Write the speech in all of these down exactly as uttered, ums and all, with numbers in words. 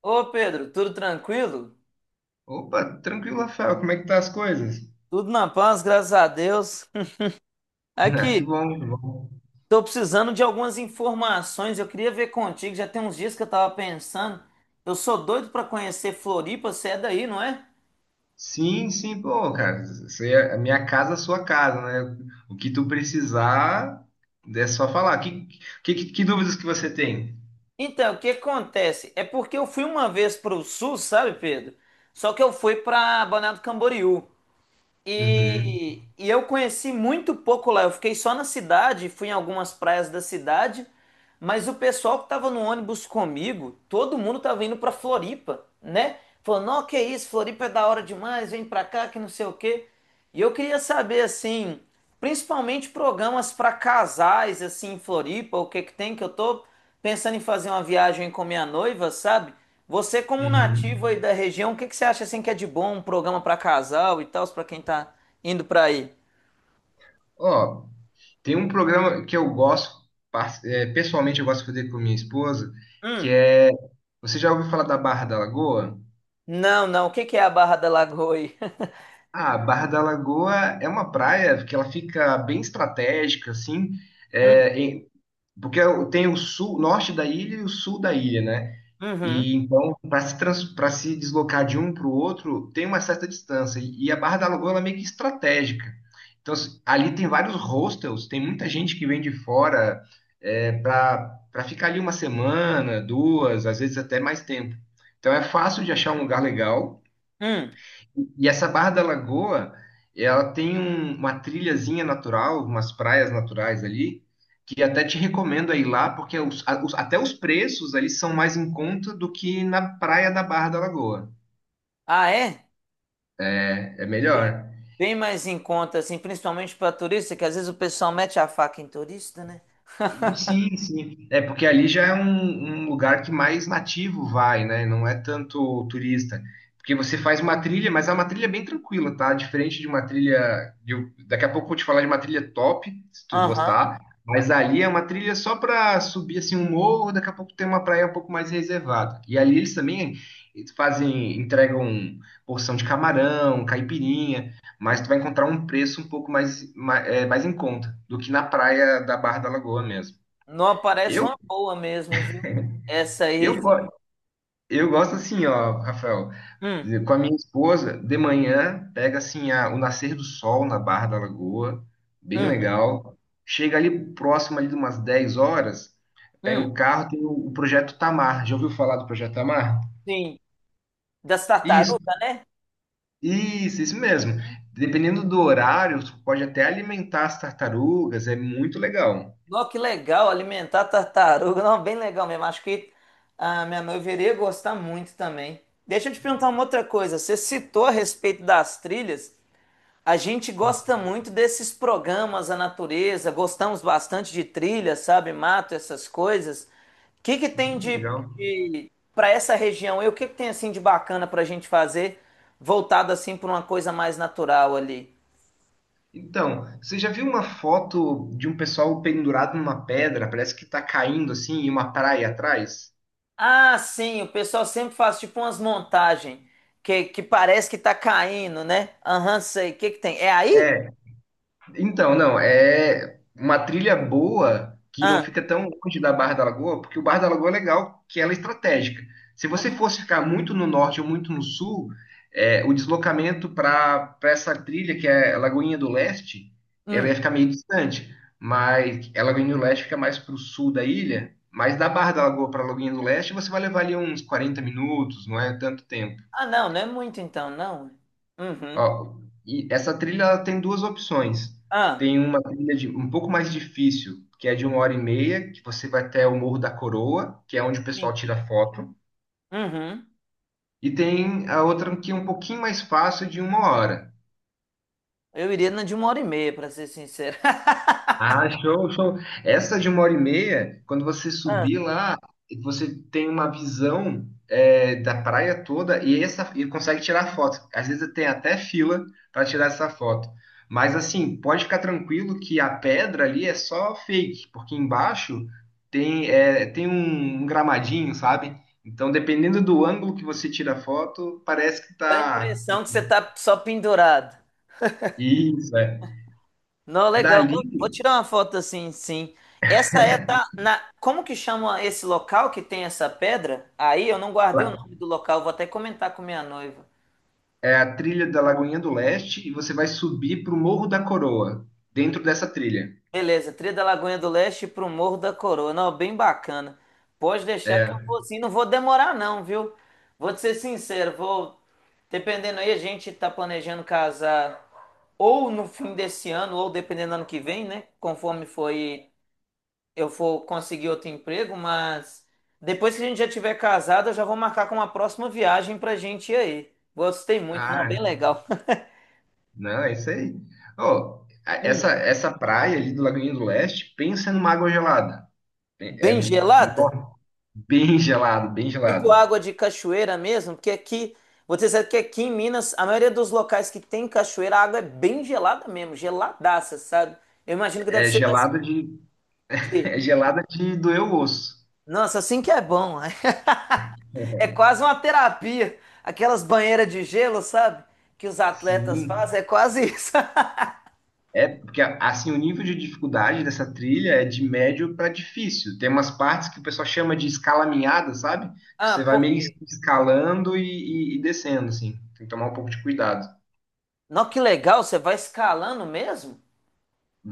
Ô Pedro, tudo tranquilo? Opa, tranquilo, Rafael. Como é que tá as coisas? Tudo na paz, graças a Deus. Ah, que Aqui, bom, que bom. tô precisando de algumas informações. Eu queria ver contigo, já tem uns dias que eu tava pensando. Eu sou doido pra conhecer Floripa, você é daí, não é? Sim, sim, pô, cara. Você, a minha casa, a sua casa, né? O que tu precisar, é só falar. Que, que, que, que dúvidas que você tem? Então, o que acontece? É porque eu fui uma vez pro sul, sabe, Pedro? Só que eu fui pra Balneário do Camboriú. Uhum, E, e eu conheci muito pouco lá. Eu fiquei só na cidade, fui em algumas praias da cidade, mas o pessoal que tava no ônibus comigo, todo mundo tava indo pra Floripa, né? Falando, não, que isso, Floripa é da hora demais, vem pra cá, que não sei o quê. E eu queria saber assim, principalmente programas para casais assim em Floripa, o que que tem que eu tô pensando em fazer uma viagem com minha noiva, sabe? Você como nativo uhum. aí da região, o que que você acha assim que é de bom um programa para casal e tal, para quem tá indo para aí? Ó, tem um programa que eu gosto, par- é, pessoalmente eu gosto de fazer com minha esposa, que Hum. é... Você já ouviu falar da Barra da Lagoa? Não, não. O que que é a Barra da Lagoa aí? Ah, Barra da Lagoa é uma praia que ela fica bem estratégica, assim, Hum. é, em- Porque eu- tem o sul, norte da ilha e o sul da ilha, né? Uhum. E então, para se, trans- pra se deslocar de um para o outro, tem uma certa distância. E e a Barra da Lagoa ela é meio que estratégica. Então, se- ali tem vários hostels, tem muita gente que vem de fora é, para para ficar ali uma semana, duas, às vezes até mais tempo. Então, é fácil de achar um lugar legal. Hum. E essa Barra da Lagoa, ela tem um- uma trilhazinha natural, umas praias naturais ali, que até te recomendo a ir lá, porque os- a- os- até os preços ali são mais em conta do que na praia da Barra da Lagoa. Ah, é? É é Bem, melhor. bem mais em conta assim, principalmente para turista, que às vezes o pessoal mete a faca em turista, né? Sim, sim. É porque ali já é um, um lugar que mais nativo vai, né? Não é tanto turista. Porque você faz uma trilha, mas é uma trilha bem tranquila, tá? Diferente de uma trilha. De- um, daqui a pouco eu vou te falar de uma trilha top, se tu Aham. gostar. Mas ali é uma trilha só para subir assim um morro, daqui a pouco tem uma praia um pouco mais reservada. E ali eles também fazem, entregam porção de camarão, caipirinha, mas tu vai encontrar um preço um pouco mais, mais, é, mais em conta do que na praia da Barra da Lagoa mesmo. Não aparece Eu, uma boa mesmo, viu? Essa aí. eu, cê- go- eu gosto assim, ó, Rafael, Hum, com a minha esposa, de manhã, pega assim a- o nascer do sol na Barra da Lagoa, bem uhum, legal. Chega ali próximo ali de umas dez horas, pega o hum, carro, tem o, o Projeto Tamar. Já ouviu falar do Projeto Tamar? sim. Das Isso, tartarugas, né? isso, isso mesmo. Dependendo do horário, tu pode até alimentar as tartarugas, é muito legal. Nossa, que legal alimentar tartaruga. Não, bem legal mesmo. Acho que a minha mãe viria gostar muito também. Deixa eu te perguntar uma outra coisa. Você citou a respeito das trilhas. A gente gosta muito desses programas, a natureza, gostamos bastante de trilha, sabe, mato, essas coisas. O que que tem Hum, de, legal. de para essa região? E o que que tem assim de bacana para a gente fazer, voltado assim para uma coisa mais natural ali? Então, você já viu uma foto de um pessoal pendurado numa pedra? Parece que tá caindo assim, e uma praia atrás? Ah, sim, o pessoal sempre faz tipo umas montagens que, que parece que tá caindo, né? Aham, sei. O que que tem? É aí? É. Então, não, é uma trilha boa que não Ah, fica tão longe da Barra da Lagoa, porque o Barra da Lagoa é legal, que ela é estratégica. Se você fosse ficar muito no norte ou muito no sul, é, o deslocamento para para essa trilha, que é a Lagoinha do Leste, ela ia hum. ficar meio distante, mas a Lagoinha do Leste fica mais para o sul da ilha, mas da Barra da Lagoa para a Lagoinha do Leste, você vai levar ali uns quarenta minutos, não é tanto tempo. Ah, não, não é muito então, não. Uhum. Ó, e essa trilha ela tem duas opções. Ah, Tem uma trilha de, um pouco mais difícil, que é de uma hora e meia, que você vai até o Morro da Coroa, que é onde o pessoal sim. tira foto. Uhum. E tem a outra que é um pouquinho mais fácil, de uma hora. Eu iria na de uma hora e meia, pra ser sincero. Ah, show, show. Essa de uma hora e meia, quando você Ah, subir lá, você tem uma visão, é, da praia toda e, essa, e consegue tirar foto. Às vezes tem até fila para tirar essa foto. Mas assim, pode ficar tranquilo que a pedra ali é só fake, porque embaixo tem, é, tem um um gramadinho, sabe? Então, dependendo do ângulo que você tira a foto, parece que dá a tá. impressão que você tá só pendurado. Isso, é. Não, legal. Dali. Vou, vou tirar uma foto assim, sim. Essa é da. Na, como que chama esse local que tem essa pedra? Aí eu não guardei o nome do local, vou até comentar com minha noiva. É a trilha da Lagoinha do Leste e você vai subir pro Morro da Coroa, dentro dessa trilha. Beleza, trilha da Lagoinha do Leste pro Morro da Coroa. Não, bem bacana. Pode deixar que eu É. vou sim, não vou demorar não, viu? Vou te ser sincero, vou. Dependendo aí, a gente tá planejando casar ou no fim desse ano, ou dependendo do ano que vem, né? Conforme foi, eu for conseguir outro emprego, mas. Depois que a gente já tiver casado, eu já vou marcar com uma próxima viagem pra gente ir aí. Gostei muito, não, Ah, bem legal. não, é isso aí. Ó, a- essa, Hum, essa praia ali do Lagoinha do Leste, pensa numa água gelada. É, é bem gelada? nó, bem gelado, bem Tipo gelado. água de cachoeira mesmo, porque aqui, vou te dizer que aqui em Minas, a maioria dos locais que tem cachoeira, a água é bem gelada mesmo, geladaça, sabe? Eu imagino que deve É ser desse gelada de, de. é gelada de doer o osso. Nossa, assim que é bom. É quase uma terapia. Aquelas banheiras de gelo, sabe? Que os atletas Sim. fazem, é quase isso. É, porque assim, o nível de dificuldade dessa trilha é de médio para difícil. Tem umas partes que o pessoal chama de escalaminhada, sabe? Que Ah, você vai por meio quê? que escalando e, e- e descendo, assim. Tem que tomar um pouco de cuidado. Não, que legal, você vai escalando mesmo?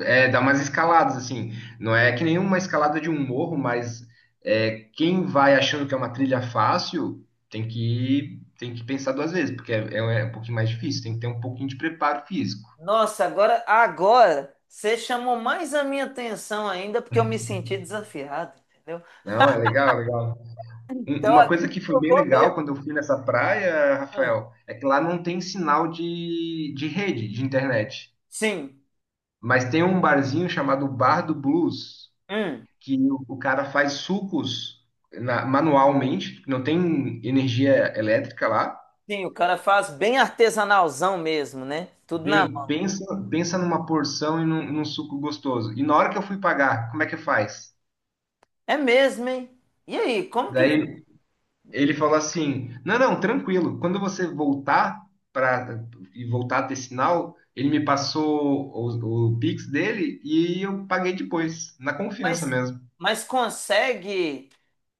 É, dá umas escaladas, assim. Não é que nenhuma escalada de um morro, mas é, quem vai achando que é uma trilha fácil tem que, tem que pensar duas vezes, porque é, é um pouquinho mais difícil, tem que ter um pouquinho de preparo físico. Nossa, agora, agora, você chamou mais a minha atenção ainda porque eu me senti desafiado, entendeu? Não, é legal, legal. Um- Então Uma agora coisa que foi eu bem vou legal mesmo. quando eu fui nessa praia, Rafael, é que lá não tem sinal de, de rede, de internet. Sim. Mas tem um barzinho chamado Bar do Blues, Hum. que o, o cara faz sucos na- manualmente, não tem energia elétrica lá. Sim, o cara faz bem artesanalzão mesmo, né? Tudo na Bem, mão. pensa, pensa numa porção e num, num suco gostoso. E na hora que eu fui pagar, como é que faz? É mesmo, hein? E aí, como que. Daí ele falou assim: "Não, não, tranquilo. Quando você voltar para e voltar a ter sinal." Ele me passou o, o Pix dele e eu paguei depois, na confiança Mas, mesmo. mas consegue.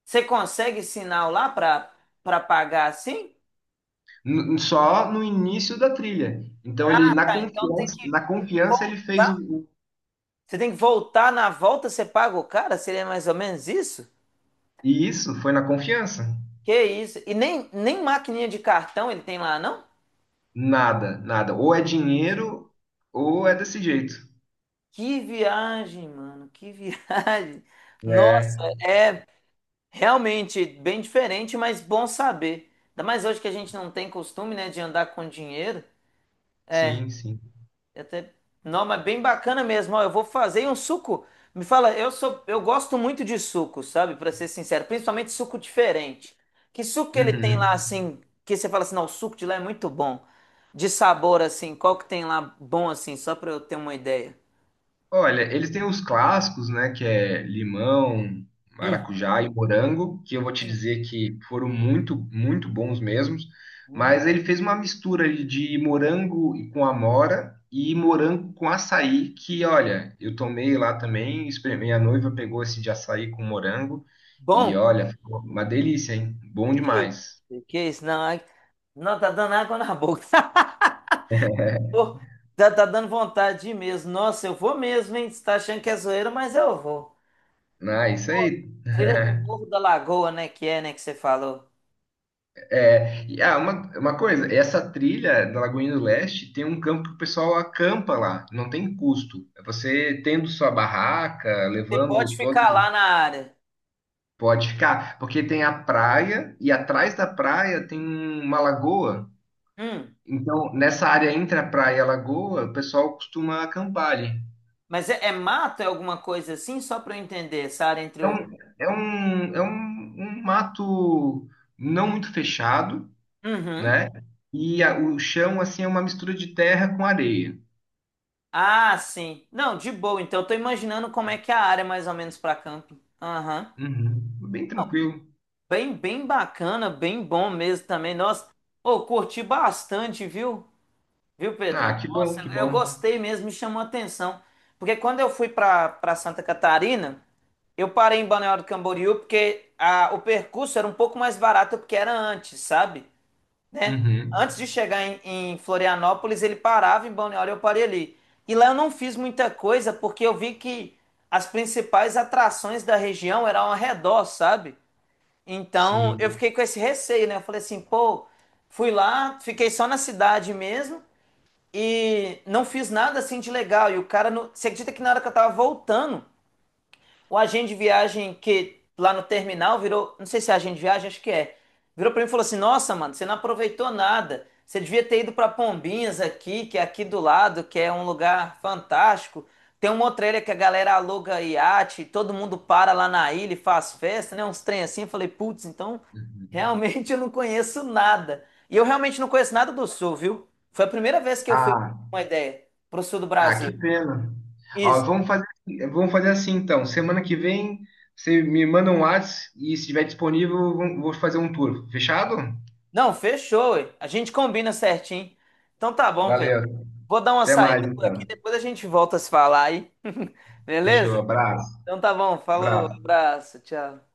Você consegue sinal lá pra, pra pagar assim? N- só no início da trilha. Então ele Ah, na tá. Então tem confiança, que, na tem que confiança ele fez o, voltar. o- Você tem que voltar na volta, você paga o cara? Seria mais ou menos isso? e isso foi na confiança. Que isso? E nem, nem maquininha de cartão ele tem lá, não? Nada, nada. Ou é dinheiro ou é desse jeito. Que viagem, mano. Que viagem. Nossa, É, é realmente bem diferente, mas bom saber. Ainda mais hoje que a gente não tem costume, né, de andar com dinheiro. sim, sim. E até. Não, mas bem bacana mesmo. Ó, eu vou fazer um suco. Me fala, eu sou, eu gosto muito de suco, sabe? Pra ser sincero, principalmente suco diferente. Que suco que ele tem lá Uhum. assim, que você fala assim, não, o suco de lá é muito bom. De sabor assim, qual que tem lá bom assim, só pra eu ter uma ideia. Olha, eles têm os clássicos, né, que é limão, Uhum. maracujá e morango, que eu vou te Sim. dizer que foram muito, muito bons mesmos, Hum. mas ele fez uma mistura ali de morango e com amora e morango com açaí, que olha, eu tomei lá também, experimentei, a noiva pegou esse de açaí com morango e Bom, olha, ficou uma delícia, hein? Bom que demais. isso, que isso, não, ai, não tá dando água na boca. Pô, já tá dando vontade de ir mesmo. Nossa, eu vou mesmo, hein? Você tá achando que é zoeira, mas eu vou. Ah, isso Pô, aí. trilha do Morro da Lagoa, né? Que é, né? Que você falou. É, e, ah, uma, uma coisa, essa trilha da Lagoinha do Leste tem um campo que o pessoal acampa lá, não tem custo. É, você tendo sua barraca, Você pode levando todos, ficar lá na área. pode ficar, porque tem a praia e atrás da praia tem uma lagoa. Hum, Então, nessa área entre a praia e a lagoa, o pessoal costuma acampar ali. mas é, é mato, é alguma coisa assim? Só pra eu entender, essa área entre o. Então, é um, é um, um mato não muito fechado, Uhum. né? E a- o chão, assim, é uma mistura de terra com areia. Ah, sim. Não, de boa. Então eu tô imaginando como é que é a área mais ou menos pra camping. Aham. Uhum. Bem tranquilo. Bem, bem bacana, bem bom mesmo também. Nossa, ô, curti bastante, viu? Viu, Ah, Pedrão? que bom, Nossa, que eu bom. gostei mesmo, me chamou a atenção. Porque quando eu fui para para Santa Catarina, eu parei em Balneário do Camboriú porque a, o percurso era um pouco mais barato porque era antes, sabe? Né? Uhum. Antes de chegar em, em Florianópolis, ele parava em Balneário, eu parei ali. E lá eu não fiz muita coisa porque eu vi que as principais atrações da região eram ao redor, sabe? Então eu Sim. fiquei com esse receio, né? Eu falei assim, pô, fui lá, fiquei só na cidade mesmo e não fiz nada assim de legal. E o cara, não. Você acredita que na hora que eu tava voltando, o agente de viagem que lá no terminal virou, não sei se é agente de viagem, acho que é. Virou pra mim e falou assim: Nossa, mano, você não aproveitou nada. Você devia ter ido pra Pombinhas aqui, que é aqui do lado, que é um lugar fantástico. Tem uma outra ilha que a galera aluga iate, todo mundo para lá na ilha e faz festa, né? Uns trem assim. Eu falei: Putz, então Uhum. realmente eu não conheço nada. E eu realmente não conheço nada do sul, viu? Foi a primeira vez que eu fui, pra Ah, ter uma ideia, pro sul do ah, que Brasil. pena. Ó, Isso. vamos fazer, assim, vamos fazer assim então. Semana que vem você me manda um WhatsApp e se estiver disponível, vou vou fazer um tour. Fechado? Não, fechou, ué. A gente combina certinho. Então tá bom, Pedro. Valeu. Vou dar uma Até mais saída por aqui, então. depois a gente volta a se falar aí. Fechou. Beleza? Abraço. Então tá bom, falou, Abraço. abraço, tchau.